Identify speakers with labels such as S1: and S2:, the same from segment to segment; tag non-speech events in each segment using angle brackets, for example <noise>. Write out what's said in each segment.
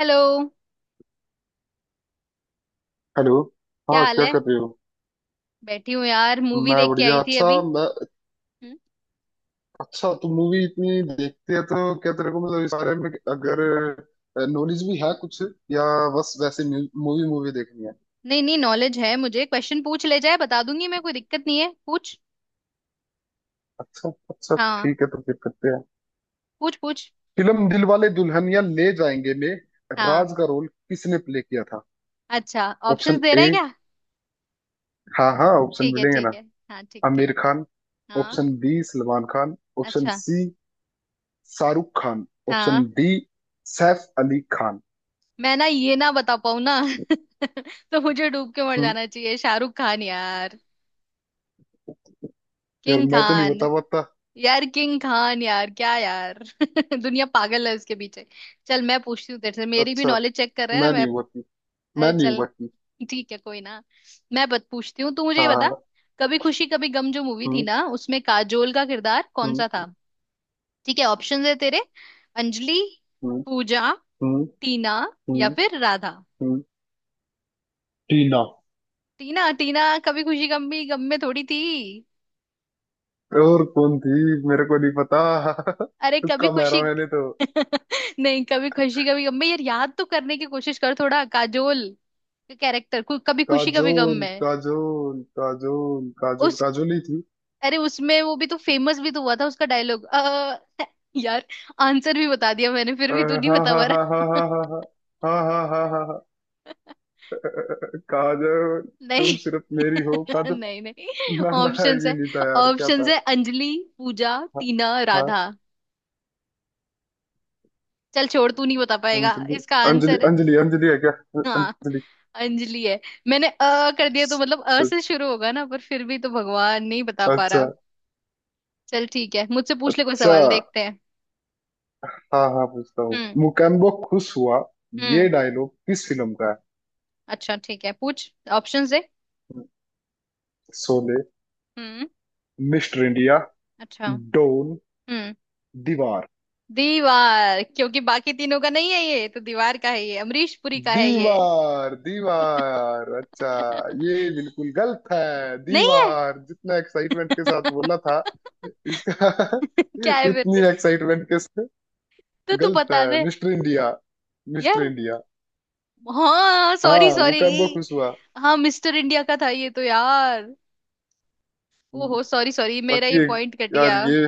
S1: Hello.
S2: Hello.
S1: क्या
S2: हाँ,
S1: हाल
S2: क्या
S1: है?
S2: कर रहे हो?
S1: बैठी हूँ यार, मूवी
S2: मैं
S1: देख के
S2: बढ़िया।
S1: आई थी
S2: अच्छा
S1: अभी।
S2: मैं,
S1: हम्म?
S2: अच्छा तुम मूवी इतनी देखते हैं तो क्या तेरे को मतलब इस बारे में अगर नॉलेज भी है कुछ, या बस वैसे मूवी मूवी देखनी है।
S1: नहीं नहीं, नॉलेज है, मुझे क्वेश्चन पूछ ले जाए बता दूंगी मैं, कोई दिक्कत नहीं है, पूछ।
S2: अच्छा अच्छा,
S1: हाँ।
S2: ठीक है तो फिर करते हैं।
S1: पूछ पूछ।
S2: फिल्म दिलवाले दुल्हनिया ले जाएंगे में
S1: हाँ।
S2: राज का रोल किसने प्ले किया था?
S1: अच्छा, ऑप्शंस
S2: ऑप्शन
S1: दे रहा
S2: ए।
S1: है क्या?
S2: हाँ हाँ, ऑप्शन
S1: ठीक है
S2: मिलेंगे
S1: ठीक
S2: ना।
S1: है। हाँ, ठीक ठीक।
S2: आमिर खान,
S1: हाँ।
S2: Option B Salman Khan, option
S1: अच्छा।
S2: सी शाहरुख खान, ऑप्शन
S1: हाँ।
S2: डी सैफ अली खान।
S1: मैं ना ये ना बता पाऊँ ना। <laughs> तो मुझे डूब के मर जाना चाहिए, शाहरुख खान यार।
S2: यार
S1: किंग
S2: मैं तो नहीं
S1: खान।
S2: बता पाता।
S1: यार किंग खान यार, क्या यार। <laughs> दुनिया पागल है उसके पीछे। चल, मैं पूछती हूँ तेरे से, मेरी भी
S2: अच्छा,
S1: नॉलेज चेक कर रहा है ना
S2: मैं
S1: मैं।
S2: नहीं उबरती, मैं
S1: अरे
S2: नहीं
S1: चल।
S2: उबरती।
S1: ठीक है कोई ना। मैं बत पूछती हूँ, तू मुझे ये
S2: हाँ
S1: बता।
S2: हाँ,
S1: कभी खुशी कभी गम जो मूवी थी
S2: हम्म
S1: ना, उसमें काजोल का किरदार कौन सा था?
S2: हम्म
S1: ठीक है, ऑप्शंस है तेरे। अंजलि,
S2: हम्म
S1: पूजा,
S2: हम्म
S1: टीना या
S2: हम्म
S1: फिर राधा।
S2: हम्म, टीना।
S1: टीना? टीना कभी खुशी गम, भी गम में थोड़ी थी।
S2: और कौन थी? मेरे को नहीं पता <laughs>
S1: अरे कभी
S2: तुक्का
S1: खुशी
S2: मारा
S1: <laughs>
S2: मैंने तो।
S1: नहीं, कभी खुशी कभी गम में, यार याद तो करने की कोशिश कर थोड़ा, काजोल का कैरेक्टर कभी खुशी कभी गम
S2: काजोल
S1: में।
S2: काजोल काजोल काजोल
S1: उस
S2: काजोल ही थी।
S1: अरे उसमें वो भी तो फेमस भी तो हुआ था उसका डायलॉग, यार। आंसर भी बता दिया मैंने, फिर भी तू नहीं
S2: हाँ
S1: बता
S2: हाँ
S1: पा
S2: हाँ हाँ हाँ
S1: रहा।
S2: हाँ हाँ हाँ हाँ हाँ हाँ हाँ, काजोल,
S1: <laughs>
S2: तुम
S1: नहीं।
S2: सिर्फ मेरी हो
S1: <laughs> नहीं
S2: काजोल।
S1: नहीं।
S2: ना ना,
S1: ऑप्शंस
S2: ये
S1: है।
S2: नहीं था यार, क्या
S1: ऑप्शंस
S2: था?
S1: है, अंजलि, पूजा,
S2: हाँ
S1: टीना,
S2: हाँ।
S1: राधा। चल छोड़, तू नहीं बता पाएगा।
S2: अंजलि,
S1: इसका
S2: अंजलि
S1: आंसर है।
S2: अंजलि अंजलि है क्या?
S1: हाँ,
S2: अंजलि।
S1: अंजलि है। मैंने अ कर दिया तो मतलब अ से
S2: अच्छा
S1: शुरू होगा ना, पर फिर भी तो भगवान नहीं बता
S2: अच्छा
S1: पा
S2: अच्छा।
S1: रहा। चल ठीक है, मुझसे पूछ ले कोई सवाल, देखते हैं।
S2: हाँ हाँ, पूछता हूँ।
S1: हम्म।
S2: मुकेम्बो खुश हुआ,
S1: हम्म।
S2: ये डायलॉग किस फिल्म का है?
S1: अच्छा ठीक है, पूछ, ऑप्शंस दे।
S2: शोले,
S1: हम्म।
S2: मिस्टर इंडिया,
S1: अच्छा।
S2: डोन,
S1: हम्म।
S2: दीवार।
S1: दीवार, क्योंकि बाकी तीनों का नहीं है, ये तो दीवार का है, ये अमरीश पुरी का है ये।
S2: दीवार दीवार, अच्छा।
S1: <laughs>
S2: ये बिल्कुल गलत है,
S1: नहीं है।
S2: दीवार जितना एक्साइटमेंट के साथ
S1: <laughs>
S2: बोला था इसका
S1: क्या है
S2: <laughs>
S1: फिर?
S2: उतनी एक्साइटमेंट के साथ,
S1: तो तू
S2: गलत
S1: बता
S2: है।
S1: दे।
S2: मिस्टर इंडिया, मिस्टर
S1: यार।
S2: इंडिया।
S1: हाँ सॉरी
S2: हाँ,
S1: सॉरी।
S2: मुकेम्बो खुश हुआ।
S1: हाँ मिस्टर इंडिया का था ये तो यार।
S2: हम्म,
S1: ओहो सॉरी सॉरी, मेरा ये
S2: बाकी,
S1: पॉइंट कट
S2: यार
S1: गया।
S2: ये,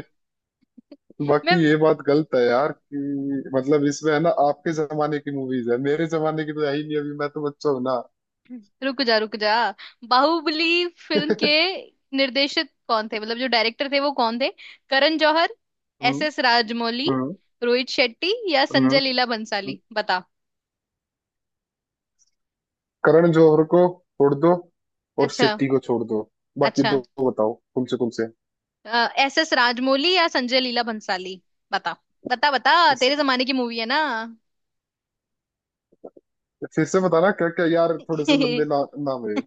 S2: बाकी
S1: मैं
S2: ये बात गलत है यार कि मतलब इसमें है ना आपके जमाने की मूवीज है, मेरे जमाने की तो है ही नहीं, अभी मैं तो बच्चा हूं ना।
S1: रुक जा रुक जा। बाहुबली फिल्म के निर्देशक कौन थे, मतलब जो डायरेक्टर थे वो कौन थे? करण जौहर, एस
S2: हम्म,
S1: एस राजमौली,
S2: हम्म,
S1: रोहित शेट्टी या
S2: हम्म।
S1: संजय लीला
S2: हम्म।
S1: बंसाली, बता।
S2: करण जौहर को छोड़ दो, और
S1: अच्छा
S2: शेट्टी को छोड़ दो, बाकी
S1: अच्छा।
S2: दो बताओ, कम से कम से।
S1: एस एस राजमौली या संजय लीला भंसाली, बता बता बता।
S2: इस
S1: तेरे जमाने की मूवी है ना।
S2: फिर से बताना क्या क्या, यार थोड़े से लंबे
S1: <laughs>
S2: ना, नाम है।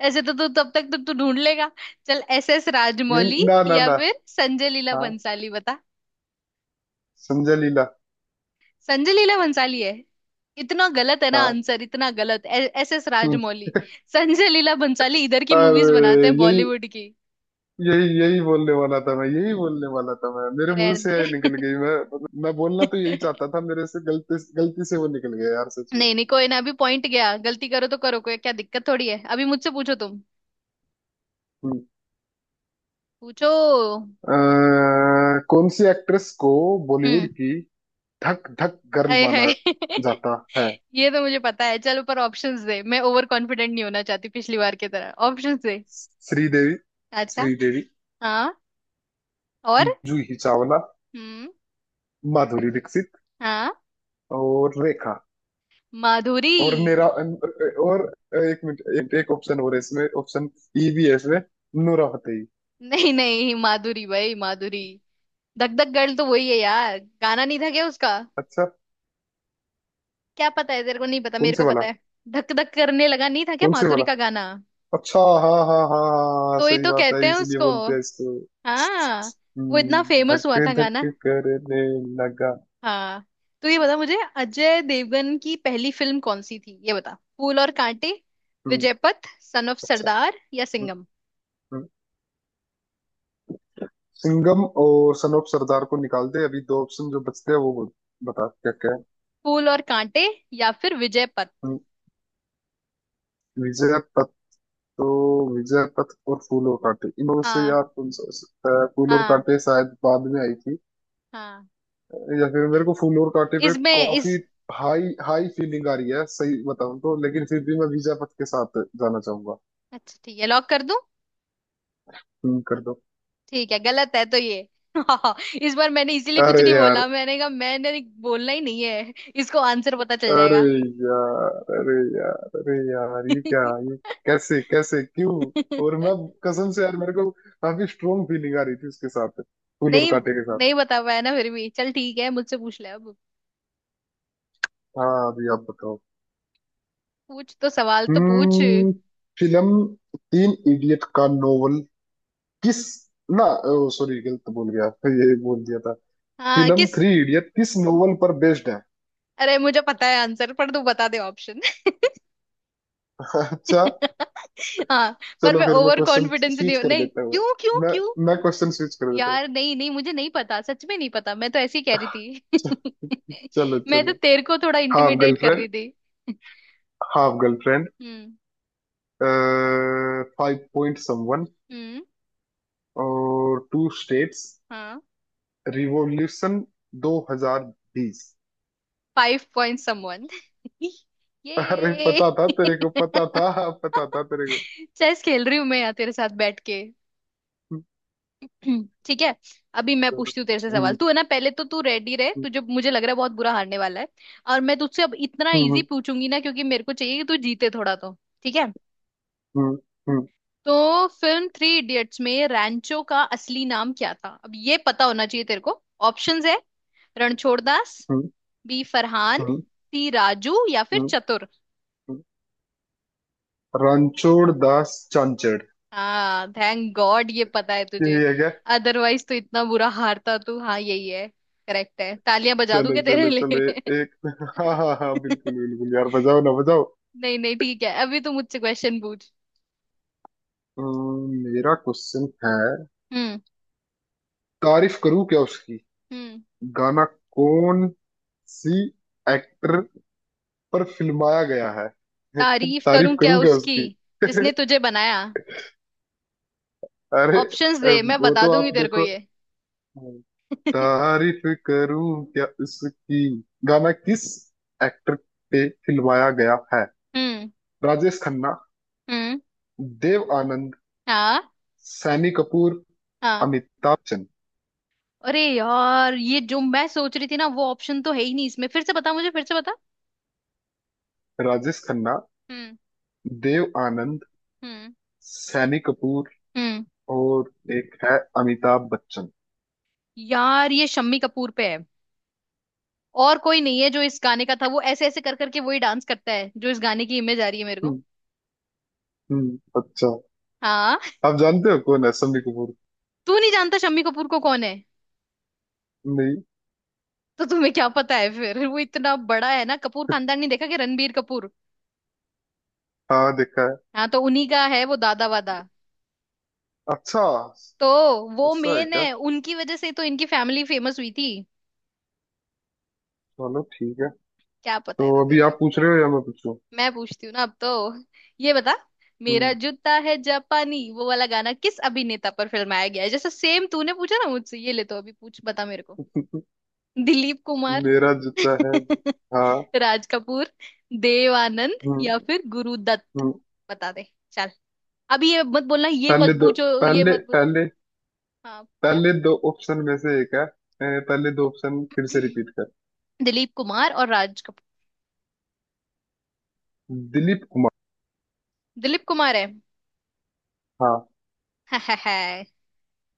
S1: ऐसे तो तू तब तक तो तू ढूंढ लेगा। चल एस एस
S2: नहीं
S1: राजमौली
S2: ना ना
S1: या
S2: ना।
S1: फिर संजय लीला
S2: हाँ,
S1: भंसाली, बता।
S2: संजय लीला।
S1: संजय लीला भंसाली है। इतना गलत है ना
S2: हाँ।
S1: आंसर, इतना गलत। एस एस
S2: हम्म।
S1: राजमौली! संजय लीला भंसाली इधर की मूवीज बनाते
S2: अरे
S1: हैं,
S2: यही
S1: बॉलीवुड की।
S2: यही यही बोलने वाला था मैं, यही बोलने वाला था मैं, मेरे मुंह
S1: रहने
S2: से यही निकल
S1: दे।
S2: गई, मैं मतलब मैं बोलना तो यही चाहता
S1: <laughs>
S2: था, मेरे से गलती, गलती से वो निकल गया यार, सच में।
S1: नहीं नहीं, कोई ना, अभी पॉइंट गया, गलती करो तो करो, कोई क्या दिक्कत थोड़ी है, अभी मुझसे पूछो तुम।
S2: हम्म।
S1: पूछो।
S2: कौन सी एक्ट्रेस को बॉलीवुड
S1: हम्म।
S2: की धक धक गर्ल
S1: अरे है।
S2: माना जाता है?
S1: <laughs> ये तो मुझे पता है चलो, पर ऑप्शंस दे, मैं ओवर कॉन्फिडेंट नहीं होना चाहती पिछली बार की तरह, ऑप्शंस दे।
S2: श्रीदेवी,
S1: अच्छा।
S2: श्रीदेवी,
S1: हाँ। और?
S2: जूही चावला,
S1: हम्म।
S2: माधुरी दीक्षित
S1: हाँ।
S2: और रेखा।
S1: माधुरी।
S2: और मेरा और, एक मिनट, एक ऑप्शन और है इसमें, ऑप्शन ई भी है इसमें, नूरा फतेही।
S1: नहीं नहीं, माधुरी भाई माधुरी। धक धक गर्ल तो वही है यार, गाना नहीं था क्या उसका?
S2: अच्छा।
S1: क्या पता है तेरे को, नहीं पता,
S2: कौन
S1: मेरे
S2: से
S1: को
S2: वाला?
S1: पता है। धक धक करने लगा, नहीं था क्या
S2: कौन से
S1: माधुरी
S2: वाला?
S1: का गाना?
S2: अच्छा, हाँ हाँ हाँ हाँ हाँ, हाँ,
S1: तो ही
S2: सही
S1: तो
S2: बात
S1: कहते
S2: है,
S1: हैं
S2: इसलिए
S1: उसको।
S2: बोलते हैं इसको।
S1: हाँ। वो इतना फेमस
S2: धक
S1: हुआ था गाना।
S2: धक करने लगा।
S1: हाँ। तो ये बता मुझे, अजय देवगन की पहली फिल्म कौन सी थी, ये बता। फूल और कांटे,
S2: हम्म,
S1: विजयपथ, सन ऑफ
S2: अच्छा।
S1: सरदार या
S2: हम्म,
S1: सिंघम?
S2: हम्म। सिंघम और सन ऑफ सरदार को निकाल दे, अभी दो ऑप्शन जो बचते हैं वो बोल- बता क्या क्या है।
S1: फूल और कांटे या फिर विजयपथ?
S2: हम्म, विजय पथ। तो विजय पथ और फूल और कांटे, इनमें से
S1: हाँ
S2: यार कौन सा हो सकता है? फूल और
S1: हाँ
S2: कांटे शायद बाद में आई थी,
S1: हाँ।
S2: या फिर मेरे को फूल और कांटे पे
S1: इसमें
S2: काफी
S1: इस
S2: हाई हाई फीलिंग आ रही है सही बताऊं तो, लेकिन फिर भी मैं विजय पथ के साथ जाना चाहूंगा।
S1: अच्छा ठीक है, लॉक कर दूं?
S2: तुम कर दो।
S1: ठीक है, गलत है तो ये। <laughs> इस बार मैंने इसीलिए कुछ
S2: अरे
S1: नहीं
S2: यार,
S1: बोला, मैंने कहा मैंने बोलना ही नहीं है, इसको आंसर पता चल
S2: अरे
S1: जाएगा।
S2: यार, अरे यार, अरे यार, ये क्या,
S1: <laughs>
S2: ये कैसे कैसे क्यों? और मैं, कसम से यार, मेरे को काफी स्ट्रोंग फीलिंग आ रही थी उसके साथ, फूल और
S1: नहीं
S2: कांटे के साथ।
S1: नहीं बता पाया ना फिर भी, चल ठीक है, मुझसे पूछ ले अब।
S2: हाँ, अभी आप बताओ।
S1: पूछ तो, सवाल तो पूछ।
S2: हम्म। फिल्म तीन इडियट का नोवेल किस ना, सॉरी, गलत बोल गया, ये बोल दिया था।
S1: हाँ,
S2: फिल्म
S1: किस।
S2: थ्री इडियट किस नोवेल पर बेस्ड है?
S1: अरे मुझे पता है आंसर, पर तू बता दे ऑप्शन।
S2: <laughs> अच्छा।
S1: <laughs> हाँ। पर
S2: चलो
S1: मैं
S2: फिर मैं
S1: ओवर
S2: क्वेश्चन
S1: कॉन्फिडेंस नहीं
S2: स्विच
S1: हूँ,
S2: कर
S1: नहीं
S2: देता हूँ।
S1: क्यों क्यों
S2: मैं
S1: क्यों।
S2: मैं क्वेश्चन स्विच कर देता हूँ।
S1: यार नहीं नहीं, मुझे नहीं पता, सच में नहीं पता, मैं तो ऐसे ही कह रही थी।
S2: चलो
S1: <laughs> मैं तो
S2: चलो।
S1: तेरे को थोड़ा
S2: हाफ
S1: इंटिमिडेट कर
S2: गर्लफ्रेंड,
S1: रही थी। <laughs>
S2: हाफ गर्लफ्रेंड,
S1: हम्म।
S2: फाइव पॉइंट समवन
S1: हम्म।
S2: और टू स्टेट्स,
S1: हाँ।
S2: रिवॉल्यूशन 2020।
S1: Five point someone. <laughs>
S2: अरे
S1: ये
S2: पता था तेरे को,
S1: <laughs>
S2: पता था, पता था तेरे को।
S1: चेस खेल रही हूँ मैं यहाँ तेरे साथ बैठ के। ठीक है। अभी मैं पूछती हूँ तेरे से सवाल,
S2: हम्म,
S1: तू है ना पहले तो तू रेडी रहे,
S2: हम्म,
S1: तुझे मुझे लग रहा है बहुत बुरा हारने वाला है। और मैं तुझसे अब इतना इजी
S2: हम्म,
S1: पूछूंगी ना, क्योंकि मेरे को चाहिए कि तू जीते थोड़ा तो। ठीक है।
S2: हम्म, हम्म,
S1: तो फिल्म थ्री इडियट्स में रैंचो का असली नाम क्या था, अब ये पता होना चाहिए तेरे को। ऑप्शंस है। रणछोड़ दास, बी फरहान,
S2: हम्म,
S1: सी राजू या फिर
S2: हम्म,
S1: चतुर।
S2: हम्म। रणछोड़ दास चांचड़।
S1: हाँ, थैंक गॉड ये पता है तुझे।
S2: यही है क्या?
S1: अदरवाइज तो इतना बुरा हारता तू। हाँ यही है, करेक्ट है, तालियां बजा दूं
S2: चलो
S1: क्या तेरे
S2: चलो चलो।
S1: लिए?
S2: ए, एक <laughs> हाँ हाँ हाँ, बिल्कुल
S1: <laughs>
S2: बिल्कुल यार, बजाओ ना बजाओ।
S1: नहीं नहीं ठीक है, अभी तू मुझसे क्वेश्चन पूछ।
S2: मेरा क्वेश्चन है।
S1: हम्म।
S2: तारीफ करूं क्या उसकी,
S1: हम्म।
S2: गाना कौन सी एक्टर पर फिल्माया गया है?
S1: तारीफ
S2: तारीफ
S1: करूं क्या
S2: करूं क्या
S1: उसकी,
S2: उसकी।
S1: जिसने तुझे बनाया।
S2: अरे
S1: ऑप्शंस दे, मैं
S2: वो
S1: बता
S2: तो
S1: दूंगी
S2: आप
S1: तेरे को
S2: देखो।
S1: ये। <laughs>
S2: तारीफ करूं क्या उसकी, गाना किस एक्टर पे फिल्माया गया है?
S1: हम्म।
S2: राजेश खन्ना,
S1: हम्म।
S2: देव आनंद,
S1: हाँ।
S2: सैनी कपूर,
S1: हाँ।
S2: अमिताभ बच्चन।
S1: अरे यार, ये जो मैं सोच रही थी ना वो ऑप्शन तो है ही नहीं इसमें, फिर से बता मुझे, फिर से बता।
S2: राजेश खन्ना,
S1: हम्म।
S2: देव आनंद,
S1: हम्म।
S2: सैनी कपूर
S1: हम्म।
S2: और एक है अमिताभ बच्चन।
S1: यार, ये शम्मी कपूर पे है। और कोई नहीं है, जो इस गाने का था वो ऐसे ऐसे कर करके वही डांस करता है, जो इस गाने की इमेज आ रही है मेरे को।
S2: हम्म हम्म, अच्छा।
S1: हाँ। <laughs>
S2: आप जानते हो कौन है सैनी कपूर?
S1: तू नहीं जानता शम्मी कपूर को, कौन है?
S2: नहीं।
S1: तो तुम्हें क्या पता है फिर, वो इतना बड़ा है ना कपूर खानदान, नहीं देखा कि रणबीर कपूर?
S2: हाँ, देखा है।
S1: हाँ, तो उन्हीं का है वो, दादा वादा।
S2: अच्छा,
S1: तो वो
S2: ऐसा है
S1: मेन
S2: क्या?
S1: है, उनकी वजह से तो इनकी फैमिली फेमस हुई थी।
S2: चलो ठीक है।
S1: क्या पता
S2: तो
S1: है तो
S2: अभी
S1: तेरे को।
S2: आप पूछ रहे हो या मैं पूछूं?
S1: मैं पूछती हूँ ना अब तो। ये बता, मेरा
S2: हम्म।
S1: जूता है जापानी वो वाला गाना किस अभिनेता पर फिल्माया गया है, जैसे सेम तूने पूछा ना मुझसे, ये ले, तो अभी पूछ, बता मेरे को। दिलीप
S2: <laughs>
S1: कुमार,
S2: मेरा जूता है जी।
S1: <laughs>
S2: हाँ।
S1: राज कपूर, देव आनंद या
S2: हम्म
S1: फिर गुरुदत्त,
S2: हम्म।
S1: बता दे। चल, अभी ये मत बोलना, ये
S2: पहले
S1: मत
S2: दो,
S1: पूछो, ये
S2: पहले
S1: मत पूछ।
S2: पहले
S1: हाँ क्या?
S2: पहले दो ऑप्शन में से एक है। ए, पहले दो ऑप्शन फिर से रिपीट कर।
S1: <clears throat> दिलीप कुमार और राज कपूर।
S2: दिलीप कुमार।
S1: दिलीप कुमार है।
S2: हाँ।
S1: <laughs>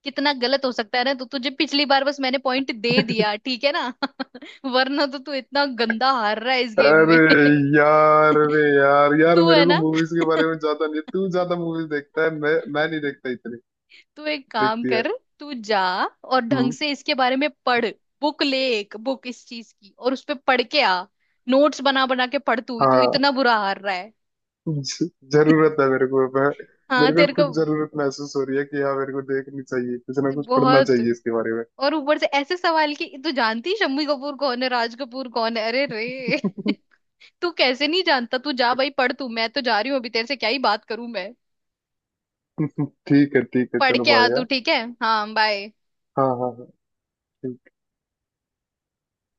S1: कितना गलत हो सकता है ना, तो तुझे पिछली बार बस मैंने पॉइंट दे
S2: <laughs>
S1: दिया, ठीक है ना। <laughs> वरना तो तू इतना गंदा हार रहा है इस गेम में।
S2: अरे
S1: <laughs>
S2: यार, अरे यार, यार
S1: तू
S2: मेरे
S1: है
S2: को
S1: ना।
S2: मूवीज के बारे में
S1: <laughs>
S2: ज्यादा नहीं, तू ज्यादा मूवीज देखता है, मैं नहीं देखता इतनी
S1: तू एक काम
S2: देखती है।
S1: कर, तू जा और ढंग
S2: हम्म,
S1: से इसके बारे में पढ़। बुक ले, एक बुक इस चीज की, और उस पे पढ़ के आ। नोट्स बना बना के पढ़, तू तू
S2: हाँ,
S1: इतना बुरा हार रहा है। <laughs>
S2: जरूरत है मेरे को, मैं
S1: हाँ
S2: मेरे को
S1: तेरे को।
S2: खुद जरूरत महसूस हो रही है कि हाँ, मेरे को देखनी चाहिए कुछ ना कुछ, पढ़ना
S1: बहुत।
S2: चाहिए इसके बारे में।
S1: और ऊपर से ऐसे सवाल, कि तू जानती है शम्मी कपूर कौन है, राज कपूर कौन है, अरे रे। <laughs> तू कैसे नहीं जानता, तू जा भाई, पढ़ तू, मैं तो जा रही हूँ, अभी तेरे से क्या ही बात करूं मैं।
S2: <laughs> ठीक है ठीक है,
S1: पढ़
S2: चलो
S1: के आ
S2: भाई
S1: तू,
S2: यार।
S1: ठीक है, हाँ बाय।
S2: हाँ हाँ हाँ।